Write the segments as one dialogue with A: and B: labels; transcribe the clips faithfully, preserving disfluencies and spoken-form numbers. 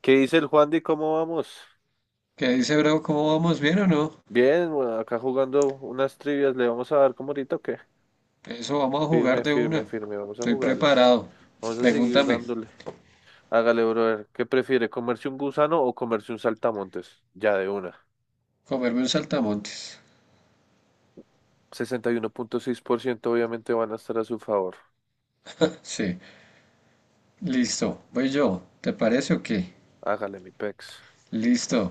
A: ¿Qué dice el Juan de cómo vamos?
B: ¿Qué dice, bro? ¿Cómo vamos? ¿Bien o no?
A: Bien, bueno, acá jugando unas trivias, ¿le vamos a dar como ahorita o qué?
B: Eso, vamos a jugar
A: Firme,
B: de
A: firme,
B: una.
A: firme, vamos a
B: Estoy
A: jugarle.
B: preparado.
A: Vamos a seguir
B: Pregúntame.
A: dándole. Hágale, brother. ¿Qué prefiere, comerse un gusano o comerse un saltamontes? Ya de una.
B: Comerme un saltamontes.
A: sesenta y uno punto seis por ciento obviamente van a estar a su favor.
B: Sí. Listo. Voy yo. ¿Te parece o qué?
A: Hágale, mi pex.
B: Listo.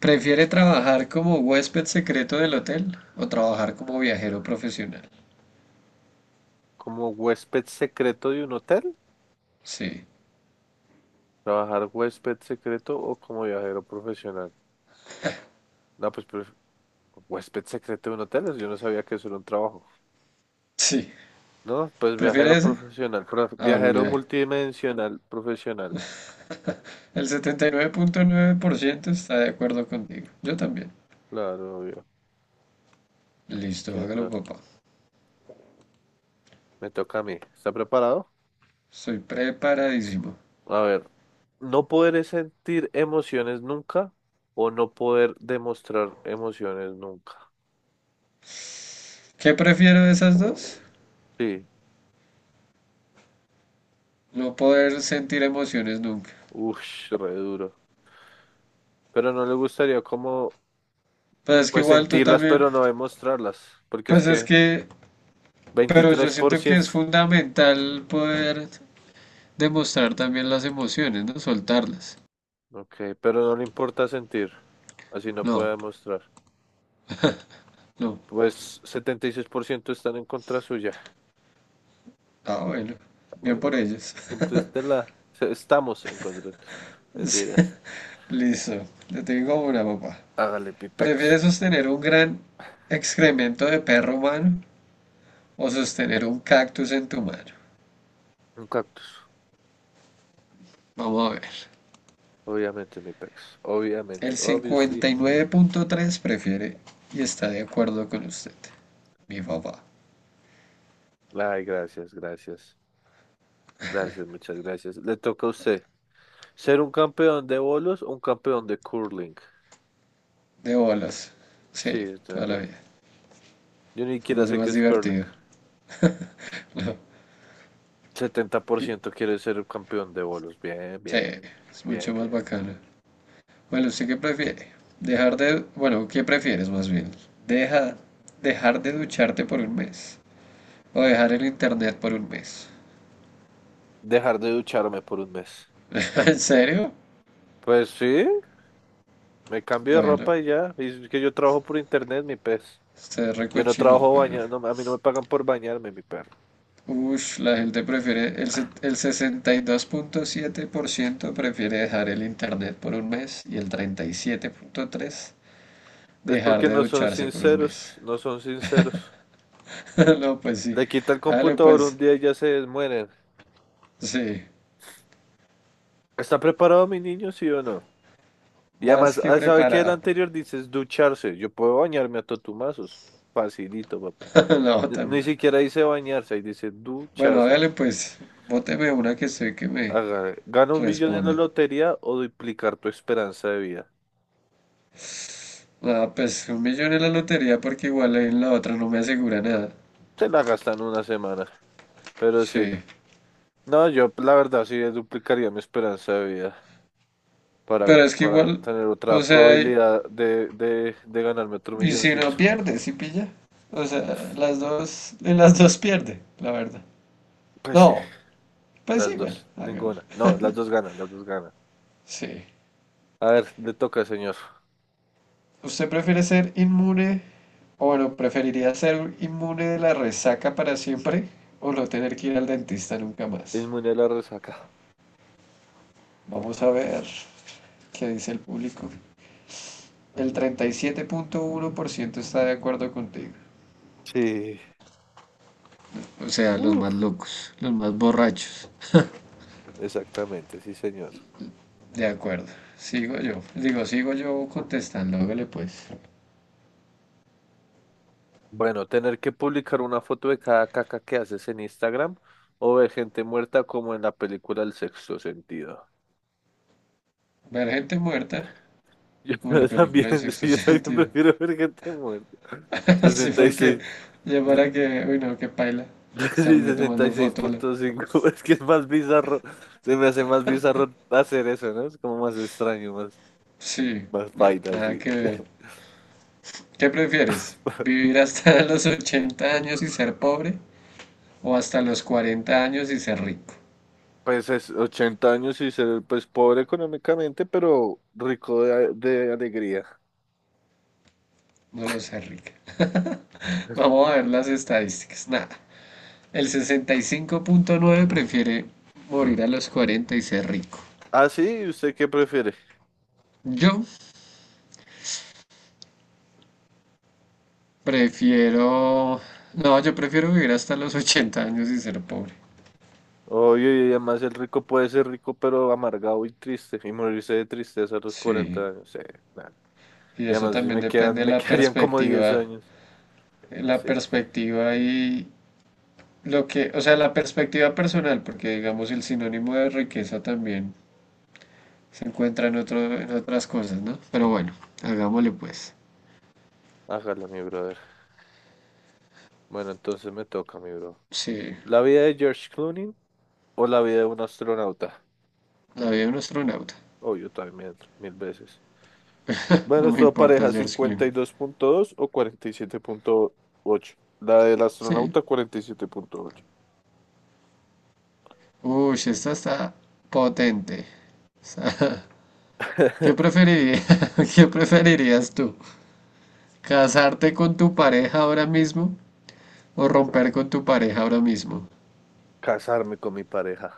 B: ¿Prefiere trabajar como huésped secreto del hotel o trabajar como viajero profesional?
A: ¿Como huésped secreto de un hotel?
B: Sí.
A: ¿Trabajar huésped secreto o como viajero profesional? No, pues, pref- huésped secreto de un hotel, yo no sabía que eso era un trabajo.
B: Sí.
A: No, pues
B: ¿Prefiere
A: viajero
B: ese?
A: profesional, prof-
B: Ah, bueno,
A: viajero
B: mire.
A: multidimensional profesional.
B: El setenta y nueve punto nueve por ciento está de acuerdo contigo. Yo también.
A: Claro, obvio.
B: Listo,
A: ¿Quién
B: hágalo,
A: no?
B: papá.
A: Me toca a mí. ¿Está preparado?
B: Soy preparadísimo.
A: A ver, no poder sentir emociones nunca o no poder demostrar emociones nunca.
B: ¿Qué prefiero de esas dos?
A: Sí,
B: No poder sentir emociones nunca.
A: uff, re duro. Pero no le gustaría como,
B: Pues es que
A: pues
B: igual tú
A: sentirlas,
B: también,
A: pero no demostrarlas, porque es
B: pues es
A: que
B: que, pero yo
A: veintitrés por
B: siento que es
A: ciento,
B: fundamental poder demostrar también las emociones, ¿no? Soltarlas.
A: Ok, pero no le importa sentir, así no puede
B: No,
A: demostrar.
B: no.
A: Pues setenta y seis por ciento están en contra suya.
B: Ah, bueno, bien
A: Bueno,
B: por ellos.
A: Interstellar. Se- Estamos en control.
B: Sí.
A: Mentiras.
B: Listo, le tengo una, papá.
A: Hágale mi pex.
B: ¿Prefieres sostener un gran excremento de perro humano o sostener un cactus en tu mano?
A: Un cactus.
B: Vamos a ver.
A: Obviamente mi pex. Obviamente.
B: El
A: Obviously.
B: cincuenta y nueve punto tres prefiere y está de acuerdo con usted. Mi papá.
A: Ay, gracias, gracias. Gracias, muchas gracias. Le toca a usted. ¿Ser un campeón de bolos o un campeón de curling?
B: De bolas. Sí,
A: Sí, yo
B: toda la
A: también.
B: vida.
A: Yo ni
B: Se me
A: siquiera
B: hace
A: sé qué
B: más
A: es curling.
B: divertido. No.
A: setenta por ciento quiere ser un campeón de bolos. Bien,
B: Sí,
A: bien.
B: es mucho
A: Bien,
B: más
A: bien.
B: bacano. Bueno, ¿usted qué prefiere? Dejar de... Bueno, ¿qué prefieres más bien? Deja... Dejar de ducharte por un mes, o dejar el internet por un mes.
A: Dejar de ducharme por un mes.
B: ¿En serio?
A: Pues sí. Me cambio de
B: Bueno,
A: ropa y ya. Y es que yo trabajo por internet, mi pez.
B: usted es
A: Yo no
B: recochino.
A: trabajo
B: Bueno.
A: bañando, a mí no me pagan por bañarme, mi perro.
B: Ush, la gente prefiere, el, se- el sesenta y dos punto siete por ciento prefiere dejar el internet por un mes y el treinta y siete punto tres por ciento
A: Es
B: dejar
A: porque
B: de
A: no son
B: ducharse por un
A: sinceros,
B: mes.
A: no son sinceros.
B: No, pues sí.
A: Le quita el
B: Hágale
A: computador un
B: pues,
A: día y ya se mueren.
B: sí.
A: ¿Está preparado mi niño, sí o no? Y
B: Más
A: además,
B: que
A: ah, ¿sabe qué? El
B: preparado.
A: anterior dices ducharse. Yo puedo bañarme a totumazos. Facilito, papi.
B: No,
A: Ni
B: tan...
A: ni siquiera dice bañarse, ahí dice
B: Bueno,
A: ducharse.
B: hágale pues, bóteme una que sé que me
A: Haga- Gana un millón en la
B: responda.
A: lotería o duplicar tu esperanza de vida.
B: Ah, pues un millón en la lotería porque igual ahí en la otra no me asegura nada.
A: Se la gastan una semana, pero sí.
B: Sí.
A: No, yo la verdad sí duplicaría mi esperanza de vida.
B: Pero
A: para,
B: es que
A: para
B: igual,
A: tener otra
B: o sea,
A: probabilidad de, de, de ganarme otro
B: y si
A: milloncito.
B: no pierde, si pilla. O sea, las dos, en las dos pierde, la verdad.
A: Pues sí,
B: No, pues sí,
A: las
B: bueno,
A: dos,
B: hagámoslo.
A: ninguna. No, las dos ganan, las dos ganan.
B: Sí.
A: A ver, le toca, señor.
B: ¿Usted prefiere ser inmune, o bueno, preferiría ser inmune de la resaca para siempre, o no tener que ir al dentista nunca más?
A: Inmune a la resaca.
B: Vamos a ver qué dice el público. El treinta y siete punto uno por ciento está de acuerdo contigo.
A: Sí.
B: O sea, los
A: Uh,
B: más locos, los más borrachos.
A: exactamente, sí, señor.
B: De acuerdo. Sigo yo. Digo, sigo yo contestando. Hágale pues.
A: Bueno, tener que publicar una foto de cada caca que haces en Instagram o ver gente muerta como en la película El sexto sentido.
B: Ver gente muerta,
A: Yo
B: como la
A: también,
B: película de sexto
A: sí, yo también
B: sentido.
A: prefiero ver gente muerta.
B: Así
A: sesenta y
B: porque,
A: seis
B: ya para que, uy no, que paila,
A: Sí,
B: estarle
A: sesenta y
B: tomando
A: seis
B: fotos.
A: punto cinco Es que es más bizarro. Se me hace más bizarro hacer eso, ¿no? Es como más extraño, más,
B: Sí,
A: más
B: na-
A: paila,
B: nada
A: así.
B: que ver. ¿Qué prefieres? ¿Vivir hasta los ochenta años y ser pobre? ¿O hasta los cuarenta años y ser rico?
A: Pues es ochenta años y ser pues pobre económicamente, pero rico de, de alegría.
B: No lo sé, rica. Vamos a ver las estadísticas. Nada. El sesenta y cinco punto nueve prefiere morir a los cuarenta y ser rico.
A: Ah, sí, ¿y usted qué prefiere?
B: Yo Prefiero... No, yo prefiero vivir hasta los ochenta años y ser pobre.
A: Oye, y además el rico puede ser rico, pero amargado y triste, y morirse de tristeza a los
B: Sí,
A: cuarenta años. Sí, nada.
B: y
A: Y
B: eso
A: además sí
B: también
A: me
B: depende
A: quedan,
B: de
A: me
B: la
A: quedarían como diez
B: perspectiva,
A: años.
B: la
A: Sí,
B: perspectiva y lo que, o sea, la perspectiva personal, porque digamos el sinónimo de riqueza también se encuentra en otro, en otras cosas, ¿no? Pero bueno, hagámosle pues.
A: hágalo, mi brother. Bueno, entonces me toca, mi bro.
B: Sí,
A: ¿La vida de George Clooney o la vida de un astronauta?
B: la vida de un astronauta.
A: Obvio también, mil veces. Bueno,
B: No me
A: esto
B: importa
A: pareja
B: George
A: cincuenta
B: Clooney.
A: y dos punto dos o cuarenta y siete punto ocho. La del
B: Sí.
A: astronauta cuarenta y siete punto ocho.
B: Uy, esta está potente. ¿Qué preferirías? ¿Qué preferirías tú? ¿Casarte con tu pareja ahora mismo o romper con tu pareja ahora mismo?
A: Casarme con mi pareja.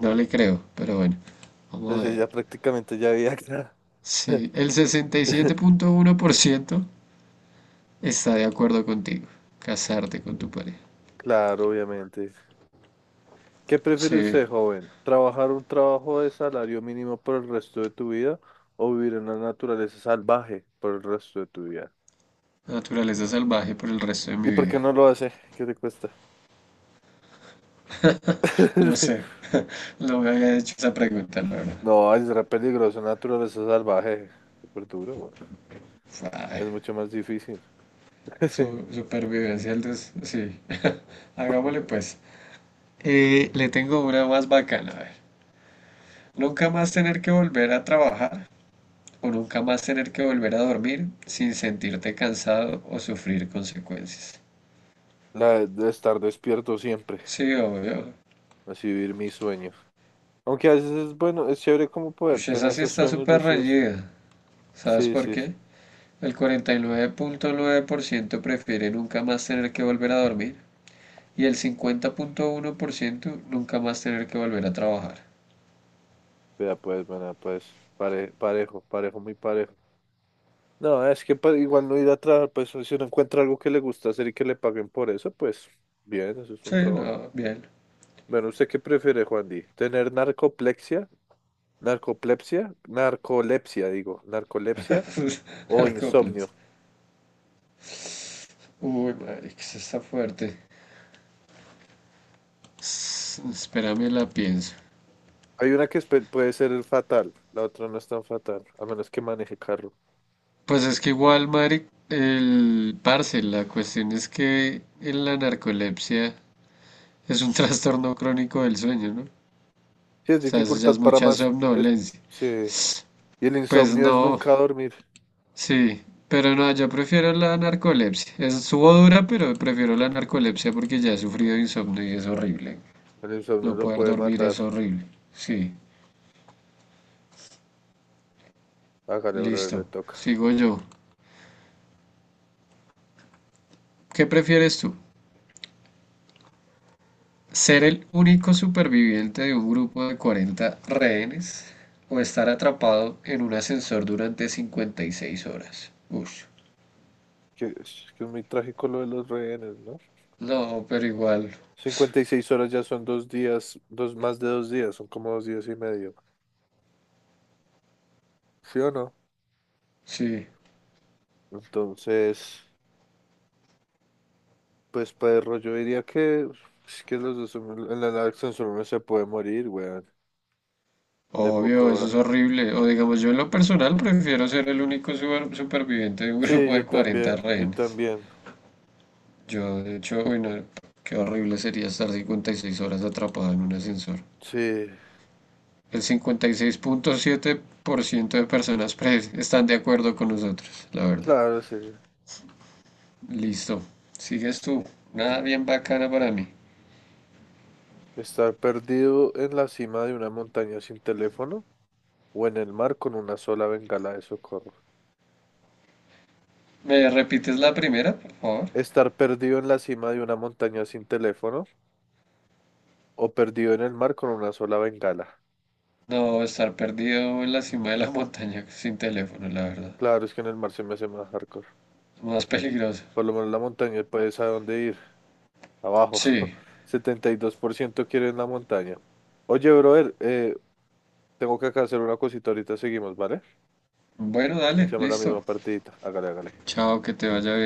B: No le creo, pero bueno, vamos a
A: Entonces
B: ver.
A: ya prácticamente ya había... acá.
B: Sí, el sesenta y siete punto uno por ciento está de acuerdo contigo. Casarte con tu pareja.
A: Claro, obviamente. ¿Qué prefiere
B: Sí,
A: usted, joven? ¿Trabajar un trabajo de salario mínimo por el resto de tu vida o vivir en la naturaleza salvaje por el resto de tu vida?
B: naturaleza salvaje por el resto de mi
A: ¿Y por qué
B: vida.
A: no lo hace? ¿Qué te cuesta?
B: Lo sé, no me había hecho esa pregunta, la verdad.
A: No, es re peligroso, naturaleza salvaje. Súper duro, güey. Es
B: Ay,
A: mucho más difícil.
B: su supervivencia, el des- sí.
A: Sí.
B: Hagámosle pues. Eh, le tengo una más bacana, a ver. Nunca más tener que volver a trabajar o nunca más tener que volver a dormir sin sentirte cansado o sufrir consecuencias.
A: La de estar despierto siempre,
B: Sí, obvio.
A: así vivir mis sueños. Aunque a veces es bueno, es chévere como poder
B: Ush,
A: tener
B: esa sí
A: esos
B: está
A: sueños
B: súper
A: lúcidos.
B: reñida. ¿Sabes
A: Sí,
B: por
A: sí, sí.
B: qué? El cuarenta y nueve punto nueve por ciento prefiere nunca más tener que volver a dormir y el cincuenta punto uno por ciento nunca más tener que volver a trabajar.
A: Vea pues, bueno, pues, pare- parejo, parejo, muy parejo. No, es que pa- igual no ir a trabajar, pues si uno encuentra algo que le gusta hacer y que le paguen por eso, pues bien, eso es un
B: Sí, no,
A: trabajo.
B: bien.
A: Bueno, ¿usted qué prefiere, Juan Di? ¿Tener narcoplexia? narcolepsia narcolepsia, digo, narcolepsia o
B: Narcóplanos.
A: insomnio.
B: Uy, madre, que eso está fuerte. S- Espérame, la pienso.
A: Hay una que es pe- puede ser fatal, la otra no es tan fatal, a menos que maneje carro.
B: Pues es que igual, Mari, el parce, la cuestión es que en la narcolepsia es un trastorno crónico del sueño, ¿no? O
A: Sí, es
B: sea, eso ya es
A: dificultad para
B: mucha
A: más. Es,
B: somnolencia.
A: sí. Y el
B: Pues
A: insomnio es
B: no,
A: nunca dormir.
B: sí, pero no, yo prefiero la narcolepsia. Es subo dura, pero prefiero la narcolepsia porque ya he sufrido insomnio y es horrible.
A: El insomnio
B: No
A: lo
B: poder
A: puede
B: dormir
A: matar.
B: es horrible. Sí,
A: Hágale, brother, le
B: listo.
A: toca.
B: Sigo yo. ¿Qué prefieres tú? Ser el único superviviente de un grupo de cuarenta rehenes o estar atrapado en un ascensor durante cincuenta y seis horas. Ush.
A: Que es, que es muy trágico lo de los rehenes, ¿no?
B: No, pero igual.
A: cincuenta y seis horas ya son dos días, dos, más de dos días, son como dos días y medio. ¿Sí o no?
B: Sí,
A: Entonces. Pues perro, yo diría que uf, es que los dos en la Larson solo uno se puede morir, weón. De
B: obvio,
A: poco
B: eso
A: a-
B: es horrible. O digamos, yo en lo personal prefiero ser el único super- superviviente de un
A: Sí,
B: grupo
A: yo
B: de cuarenta
A: también, yo
B: rehenes.
A: también.
B: Yo, de hecho, uy, no, qué horrible sería estar cincuenta y seis horas atrapado en un ascensor.
A: Sí,
B: El cincuenta y seis punto siete por ciento de personas pre- están de acuerdo con nosotros, la verdad.
A: claro, sí.
B: Listo. Sigues tú. Nada bien bacana para mí.
A: Estar perdido en la cima de una montaña sin teléfono o en el mar con una sola bengala de socorro.
B: ¿Me repites la primera, por favor?
A: Estar perdido en la cima de una montaña sin teléfono o perdido en el mar con una sola bengala.
B: No, estar perdido en la cima de la montaña sin teléfono, la verdad.
A: Claro, es que en el mar se me hace más hardcore.
B: Más peligroso.
A: Por lo menos la montaña puedes a dónde ir. Abajo.
B: Sí.
A: setenta y dos por ciento quieren la montaña. Oye, brother, eh, tengo que acá hacer una cosita. Ahorita seguimos, ¿vale?
B: Bueno, dale,
A: Echamos la
B: listo.
A: misma partidita. Hágale, hágale.
B: Chao, que te vaya bien.